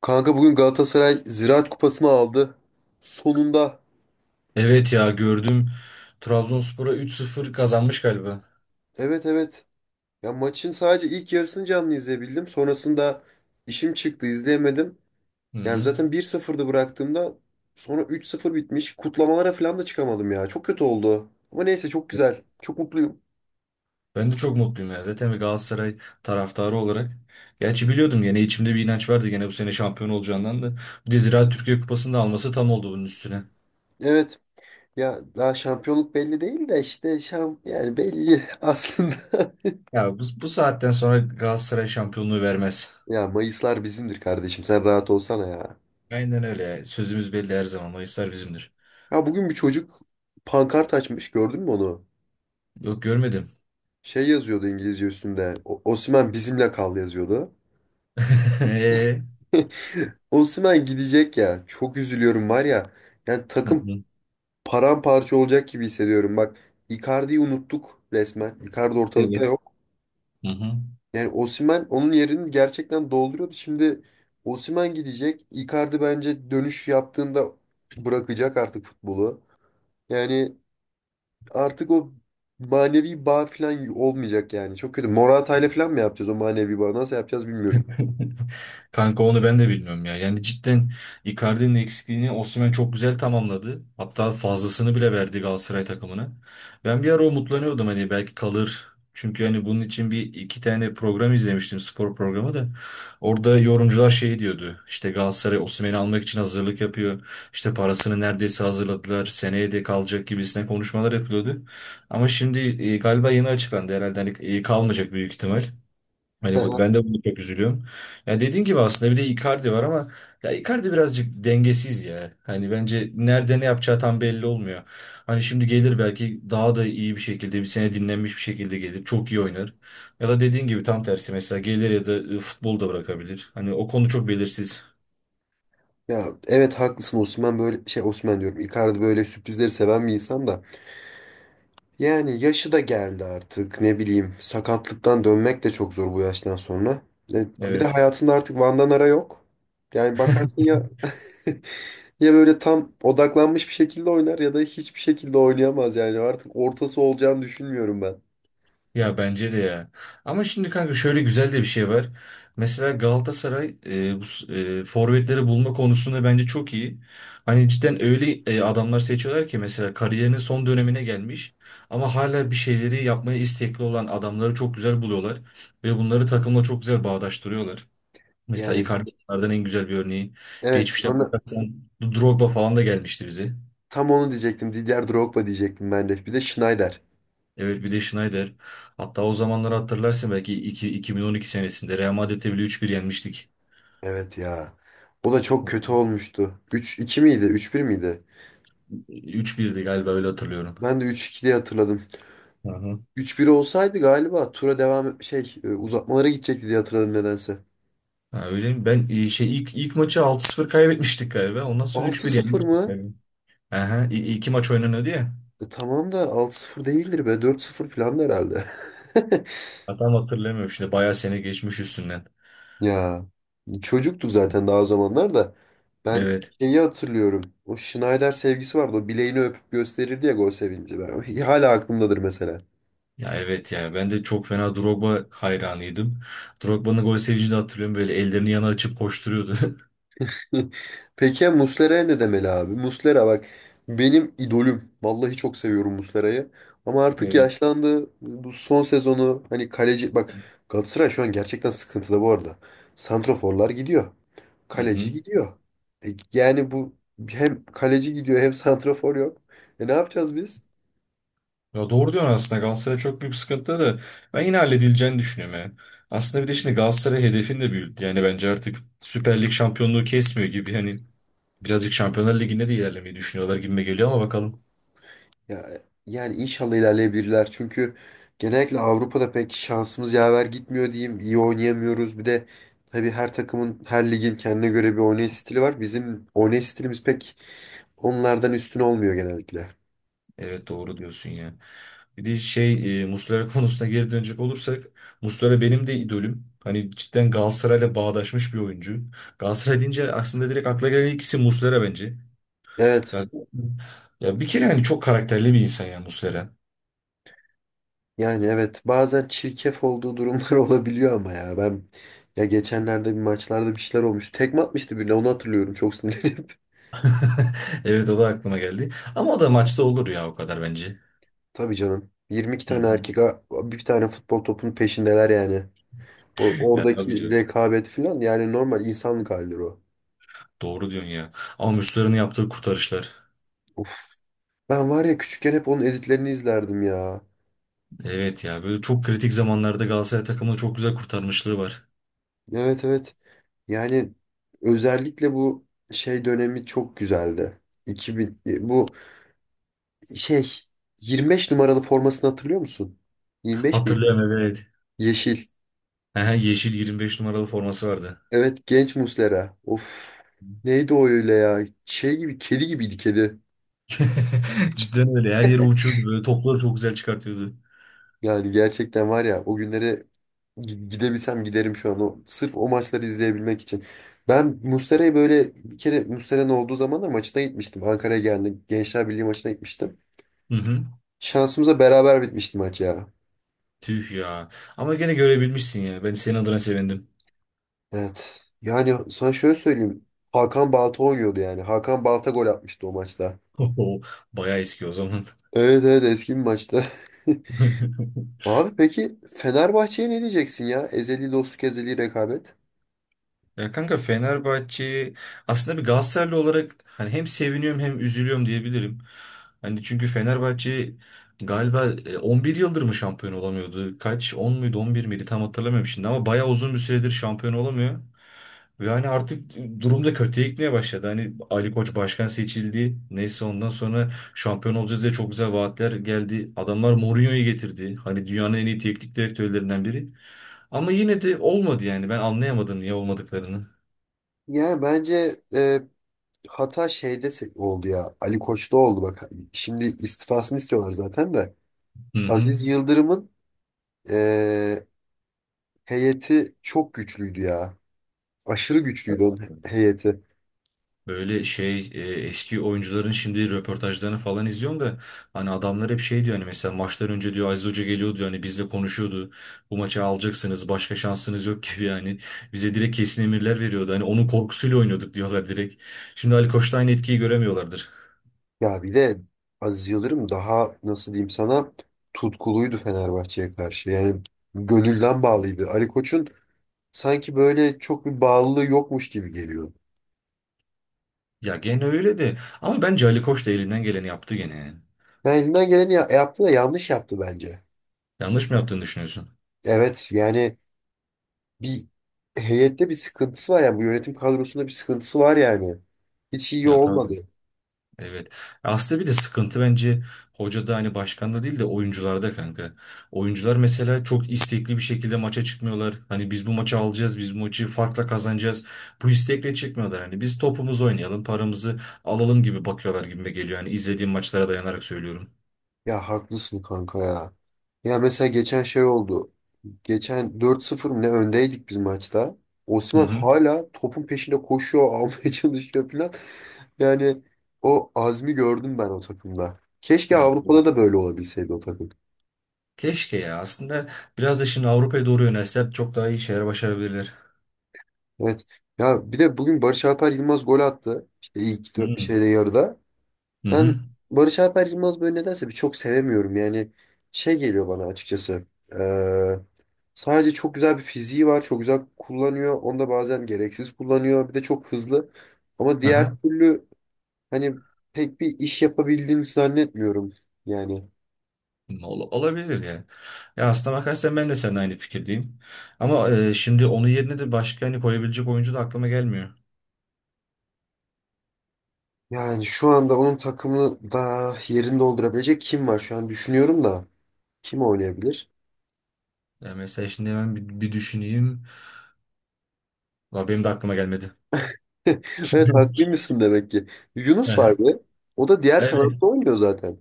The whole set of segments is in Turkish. Kanka bugün Galatasaray Ziraat Kupası'nı aldı. Sonunda. Evet ya gördüm. Trabzonspor'a 3-0 kazanmış galiba. Evet evet. Ya maçın sadece ilk yarısını canlı izleyebildim. Sonrasında işim çıktı izleyemedim. Hı Yani hı. zaten bir 0dı bıraktığımda sonra 3-0 bitmiş. Kutlamalara falan da çıkamadım ya. Çok kötü oldu. Ama neyse çok güzel. Çok mutluyum. Ben de çok mutluyum ya. Zaten bir Galatasaray taraftarı olarak. Gerçi biliyordum, gene içimde bir inanç vardı gene bu sene şampiyon olacağından da. Bir de Ziraat Türkiye Kupası'nı da alması tam oldu bunun üstüne. Evet. Ya daha şampiyonluk belli değil de işte yani belli aslında. Ya bu saatten sonra Galatasaray şampiyonluğu vermez. Ya Mayıslar bizimdir kardeşim. Sen rahat olsana ya. Aynen öyle ya. Sözümüz belli her zaman. Mayıslar bizimdir. Ya bugün bir çocuk pankart açmış. Gördün mü onu? Yok, görmedim. Şey yazıyordu İngilizce üstünde. Osimhen bizimle kal yazıyordu. Hı Osimhen gidecek ya. Çok üzülüyorum var ya. Yani takım hı. paramparça olacak gibi hissediyorum. Bak, Icardi'yi unuttuk resmen. Icardi ortalıkta Evet. yok. Hı hı. Yani Osimhen onun yerini gerçekten dolduruyordu. Şimdi Osimhen gidecek. Icardi bence dönüş yaptığında bırakacak artık futbolu. Yani artık o manevi bağ falan olmayacak yani. Çok kötü. Morata'yla falan mı yapacağız o manevi bağı? Nasıl yapacağız bilmiyorum. Kanka onu ben de bilmiyorum ya. Yani cidden Icardi'nin eksikliğini Osimhen çok güzel tamamladı. Hatta fazlasını bile verdi Galatasaray takımına. Ben bir ara umutlanıyordum, hani belki kalır. Çünkü hani bunun için bir iki tane program izlemiştim, spor programı da. Orada yorumcular şey diyordu. İşte Galatasaray Osimhen'i almak için hazırlık yapıyor. İşte parasını neredeyse hazırladılar. Seneye de kalacak gibisine konuşmalar yapılıyordu. Ama şimdi galiba yeni açıklandı herhalde. Hani kalmayacak büyük ihtimal. Hani ben de bunu çok üzülüyorum. Ya dediğin gibi aslında bir de Icardi var ama ya Icardi birazcık dengesiz ya. Hani bence nerede ne yapacağı tam belli olmuyor. Hani şimdi gelir, belki daha da iyi bir şekilde, bir sene dinlenmiş bir şekilde gelir. Çok iyi oynar. Ya da dediğin gibi tam tersi, mesela gelir ya da futbolu da bırakabilir. Hani o konu çok belirsiz. Ya evet haklısın Osman, böyle şey, Osman diyorum, Icardi böyle sürprizleri seven bir insan da yani yaşı da geldi artık, ne bileyim, sakatlıktan dönmek de çok zor bu yaştan sonra. E, Bir de Evet. hayatında artık Van Ara yok. Yani bakarsın ya ya böyle tam odaklanmış bir şekilde oynar ya da hiçbir şekilde oynayamaz yani artık ortası olacağını düşünmüyorum ben. Ya bence de ya. Ama şimdi kanka şöyle güzel de bir şey var. Mesela Galatasaray forvetleri bulma konusunda bence çok iyi. Hani cidden öyle adamlar seçiyorlar ki mesela kariyerinin son dönemine gelmiş ama hala bir şeyleri yapmaya istekli olan adamları çok güzel buluyorlar ve bunları takımla çok güzel bağdaştırıyorlar. Mesela Yani Icardi bunlardan en güzel bir örneği. evet, Geçmişten sonra bakarsan Drogba falan da gelmişti bize. tam onu diyecektim, Didier Drogba diyecektim ben de, bir de Schneider. Evet, bir de Schneider. Hatta o zamanları hatırlarsın belki, 2012 senesinde Real Madrid'e bile 3-1 yenmiştik. Evet ya. O da çok Hı kötü olmuştu. Üç iki miydi? Üç bir miydi? 3-1'di galiba, öyle hatırlıyorum. Ben de 3-2 diye hatırladım. Hı. Hı. Üç bir olsaydı galiba tura devam uzatmalara gidecekti diye hatırladım nedense. Ha, öyle mi? Ben şey, ilk maçı 6-0 kaybetmiştik galiba. Ondan sonra üç Altı bir sıfır yenmiştik mı? galiba. Aha, iki maç oynanıyordu ya. Tamam da 6-0 değildir be. 4-0 falan da herhalde. Ha, tam hatırlamıyorum şimdi. Bayağı sene geçmiş üstünden. Ya çocuktuk zaten daha o zamanlar da. Ben Evet. şeyi hatırlıyorum. O Schneider sevgisi vardı. O bileğini öpüp gösterirdi ya, gol sevinci. Ben, hala aklımdadır mesela. Ya evet ya. Ben de çok fena Drogba hayranıydım. Drogba'nın gol sevincini de hatırlıyorum. Böyle ellerini yana açıp koşturuyordu. Peki ya Muslera'ya ne demeli abi? Muslera bak, benim idolüm. Vallahi çok seviyorum Muslera'yı. Ama artık Evet. yaşlandı. Bu son sezonu, hani kaleci... Bak, Galatasaray şu an gerçekten sıkıntıda bu arada. Santraforlar gidiyor. Hı Kaleci hı. gidiyor. Yani bu, hem kaleci gidiyor hem santrafor yok. Ne yapacağız biz? Ya doğru diyorsun, aslında Galatasaray çok büyük sıkıntıda da ben yine halledileceğini düşünüyorum ya. Aslında bir de şimdi Galatasaray hedefini de büyüttü. Yani bence artık Süper Lig şampiyonluğu kesmiyor gibi, hani birazcık Şampiyonlar Ligi'nde de ilerlemeyi düşünüyorlar gibime geliyor ama bakalım. Ya, yani inşallah ilerleyebilirler. Çünkü genellikle Avrupa'da pek şansımız yaver gitmiyor diyeyim. İyi oynayamıyoruz. Bir de tabii her takımın, her ligin kendine göre bir oynayış stili var. Bizim oynayış stilimiz pek onlardan üstün olmuyor genellikle. Evet, doğru diyorsun ya. Bir de şey, Muslera konusuna geri dönecek olursak, Muslera benim de idolüm. Hani cidden Galatasaray'la bağdaşmış bir oyuncu. Galatasaray deyince aslında direkt akla gelen ikisi isim Muslera bence. Evet. Ya, ya, bir kere hani çok karakterli bir insan ya Muslera. Yani evet. Bazen çirkef olduğu durumlar olabiliyor ama ya ben, ya geçenlerde bir maçlarda bir şeyler olmuş. Tekme atmıştı birine, onu hatırlıyorum, çok sinirlenip. Evet, o da aklıma geldi. Ama o da maçta olur ya, o kadar bence. Tabii canım. 22 Hı tane hı. erkek bir tane futbol topunun peşindeler yani. Yani abi Oradaki diyor. rekabet falan, yani normal insanlık halidir o. Doğru diyorsun ya. Ama Müslüman'ın yaptığı kurtarışlar. Of. Ben var ya, küçükken hep onun editlerini izlerdim ya. Evet ya, böyle çok kritik zamanlarda Galatasaray takımını çok güzel kurtarmışlığı var. Evet evet. Yani özellikle bu şey dönemi çok güzeldi. 2000 bu şey, 25 numaralı formasını hatırlıyor musun? 25 miydi? Hatırlıyorum, evet. Yeşil. Aha, yeşil 25 numaralı forması vardı. Evet, genç Muslera. Of. Neydi o öyle ya? Şey gibi, kedi gibiydi, kedi. Cidden öyle. Her yere uçuyordu böyle. Topları çok güzel çıkartıyordu. Yani gerçekten var ya, o günlere gidebilsem giderim şu an, o sırf o maçları izleyebilmek için. Ben Mustera'yı böyle bir kere, Mustera'nın olduğu zamanlar, maçına gitmiştim. Ankara'ya geldi. Gençler Birliği maçına gitmiştim. Hı hı. Şansımıza beraber bitmişti maç ya. Tüh ya. Ama gene görebilmişsin ya. Ben senin adına sevindim. Evet. Yani sana şöyle söyleyeyim. Hakan Balta oynuyordu yani. Hakan Balta gol atmıştı o maçta. Bayağı eski o zaman. Evet evet, eski bir maçta. Abi peki Fenerbahçe'ye ne diyeceksin ya? Ezeli dostluk, ezeli rekabet. Ya kanka, Fenerbahçe aslında bir Galatasaraylı olarak hani hem seviniyorum hem üzülüyorum diyebilirim. Hani çünkü Fenerbahçe galiba 11 yıldır mı şampiyon olamıyordu? Kaç? 10 muydu 11 miydi tam hatırlamıyorum şimdi ama bayağı uzun bir süredir şampiyon olamıyor. Ve hani artık durum da kötüye gitmeye başladı. Hani Ali Koç başkan seçildi. Neyse, ondan sonra şampiyon olacağız diye çok güzel vaatler geldi. Adamlar Mourinho'yu getirdi. Hani dünyanın en iyi teknik direktörlerinden biri. Ama yine de olmadı yani. Ben anlayamadım niye olmadıklarını. Yani bence hata şeyde oldu ya. Ali Koç'ta oldu bak. Şimdi istifasını istiyorlar zaten de. Hı hı. Aziz Yıldırım'ın eee, heyeti çok güçlüydü ya. Aşırı güçlüydü onun heyeti. Böyle şey, eski oyuncuların şimdi röportajlarını falan izliyorum da hani adamlar hep şey diyor, hani mesela maçlar önce diyor Aziz Hoca geliyor diyor hani bizle konuşuyordu. Bu maçı alacaksınız, başka şansınız yok gibi yani. Bize direkt kesin emirler veriyordu. Hani onun korkusuyla oynuyorduk diyorlar direkt. Şimdi Ali Koç'ta aynı etkiyi göremiyorlardır. Ya bir de Aziz Yıldırım, daha nasıl diyeyim sana, tutkuluydu Fenerbahçe'ye karşı. Yani gönülden bağlıydı. Ali Koç'un sanki böyle çok bir bağlılığı yokmuş gibi geliyor. Ya gene öyle de, ama bence Ali Koç da elinden geleni yaptı gene yani. Yani elinden geleni yaptı da yanlış yaptı bence. Yanlış mı yaptığını düşünüyorsun? Evet yani, bir heyette bir sıkıntısı var yani, bu yönetim kadrosunda bir sıkıntısı var yani. Hiç iyi Ya tabii. olmadı. Evet. Aslında bir de sıkıntı bence hocada, hani başkanda değil de oyuncularda kanka. Oyuncular mesela çok istekli bir şekilde maça çıkmıyorlar. Hani biz bu maçı alacağız, biz bu maçı farkla kazanacağız. Bu istekle çıkmıyorlar. Hani biz topumuzu oynayalım, paramızı alalım gibi bakıyorlar gibi geliyor. Hani izlediğim maçlara dayanarak söylüyorum. Ya haklısın kanka ya. Ya mesela geçen şey oldu. Geçen 4-0 mı ne öndeydik biz maçta. Hı Osman hı. hala topun peşinde koşuyor, almaya çalışıyor falan. Yani o azmi gördüm ben o takımda. Keşke Ya Avrupa'da da böyle olabilseydi o takım. keşke ya. Aslında biraz da şimdi Avrupa'ya doğru yönelseler çok daha iyi şeyler başarabilirler. Evet. Ya bir de bugün Barış Alper Yılmaz gol attı. İşte ilk Hı hı. şeyde, yarıda. Hı Ben hı. Barış Alper Yılmaz böyle nedense bir çok sevemiyorum. Yani şey geliyor bana açıkçası. Ee, Sadece çok güzel bir fiziği var. Çok güzel kullanıyor. Onu da bazen gereksiz kullanıyor. Bir de çok hızlı. Ama diğer Aha. türlü hani pek bir iş yapabildiğini zannetmiyorum. Yani Olabilir yani. Ya aslına bakarsan ben de seninle aynı fikirdeyim. Ama şimdi onun yerine de başka hani koyabilecek oyuncu da aklıma gelmiyor. yani şu anda onun takımını da, yerini doldurabilecek kim var? Şu an düşünüyorum da kim oynayabilir? Ya mesela şimdi hemen bir düşüneyim. Valla benim de aklıma gelmedi. Evet, haklıymışsın demek ki. Yunus var Aha. bir de. O da diğer Evet. kanatta oynuyor zaten.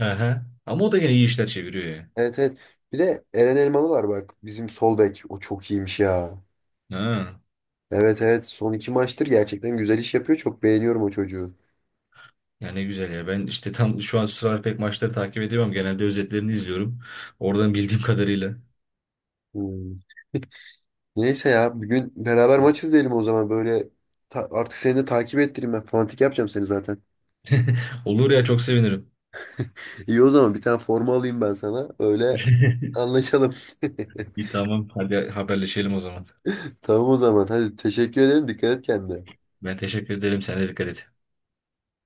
Aha. Ama o da gene iyi işler çeviriyor ya. Evet evet. Bir de Eren Elmalı var bak. Bizim sol bek. O çok iyiymiş ya. Ha. Evet evet. Son iki maçtır gerçekten güzel iş yapıyor. Çok beğeniyorum o çocuğu. Ya ne güzel ya. Ben işte tam şu an sıralar pek maçları takip edemem. Genelde özetlerini izliyorum. Oradan bildiğim kadarıyla. Hmm. Neyse ya. Bir gün beraber maç izleyelim o zaman. Böyle artık seni de takip ettireyim ben. Fantik yapacağım seni zaten. Olur ya, çok sevinirim. İyi, o zaman bir tane forma alayım ben sana. Öyle anlaşalım. İyi, tamam. Hadi haberleşelim o zaman. Tamam, o zaman. Hadi, teşekkür ederim. Dikkat et kendine. Ben teşekkür ederim. Sen de dikkat et.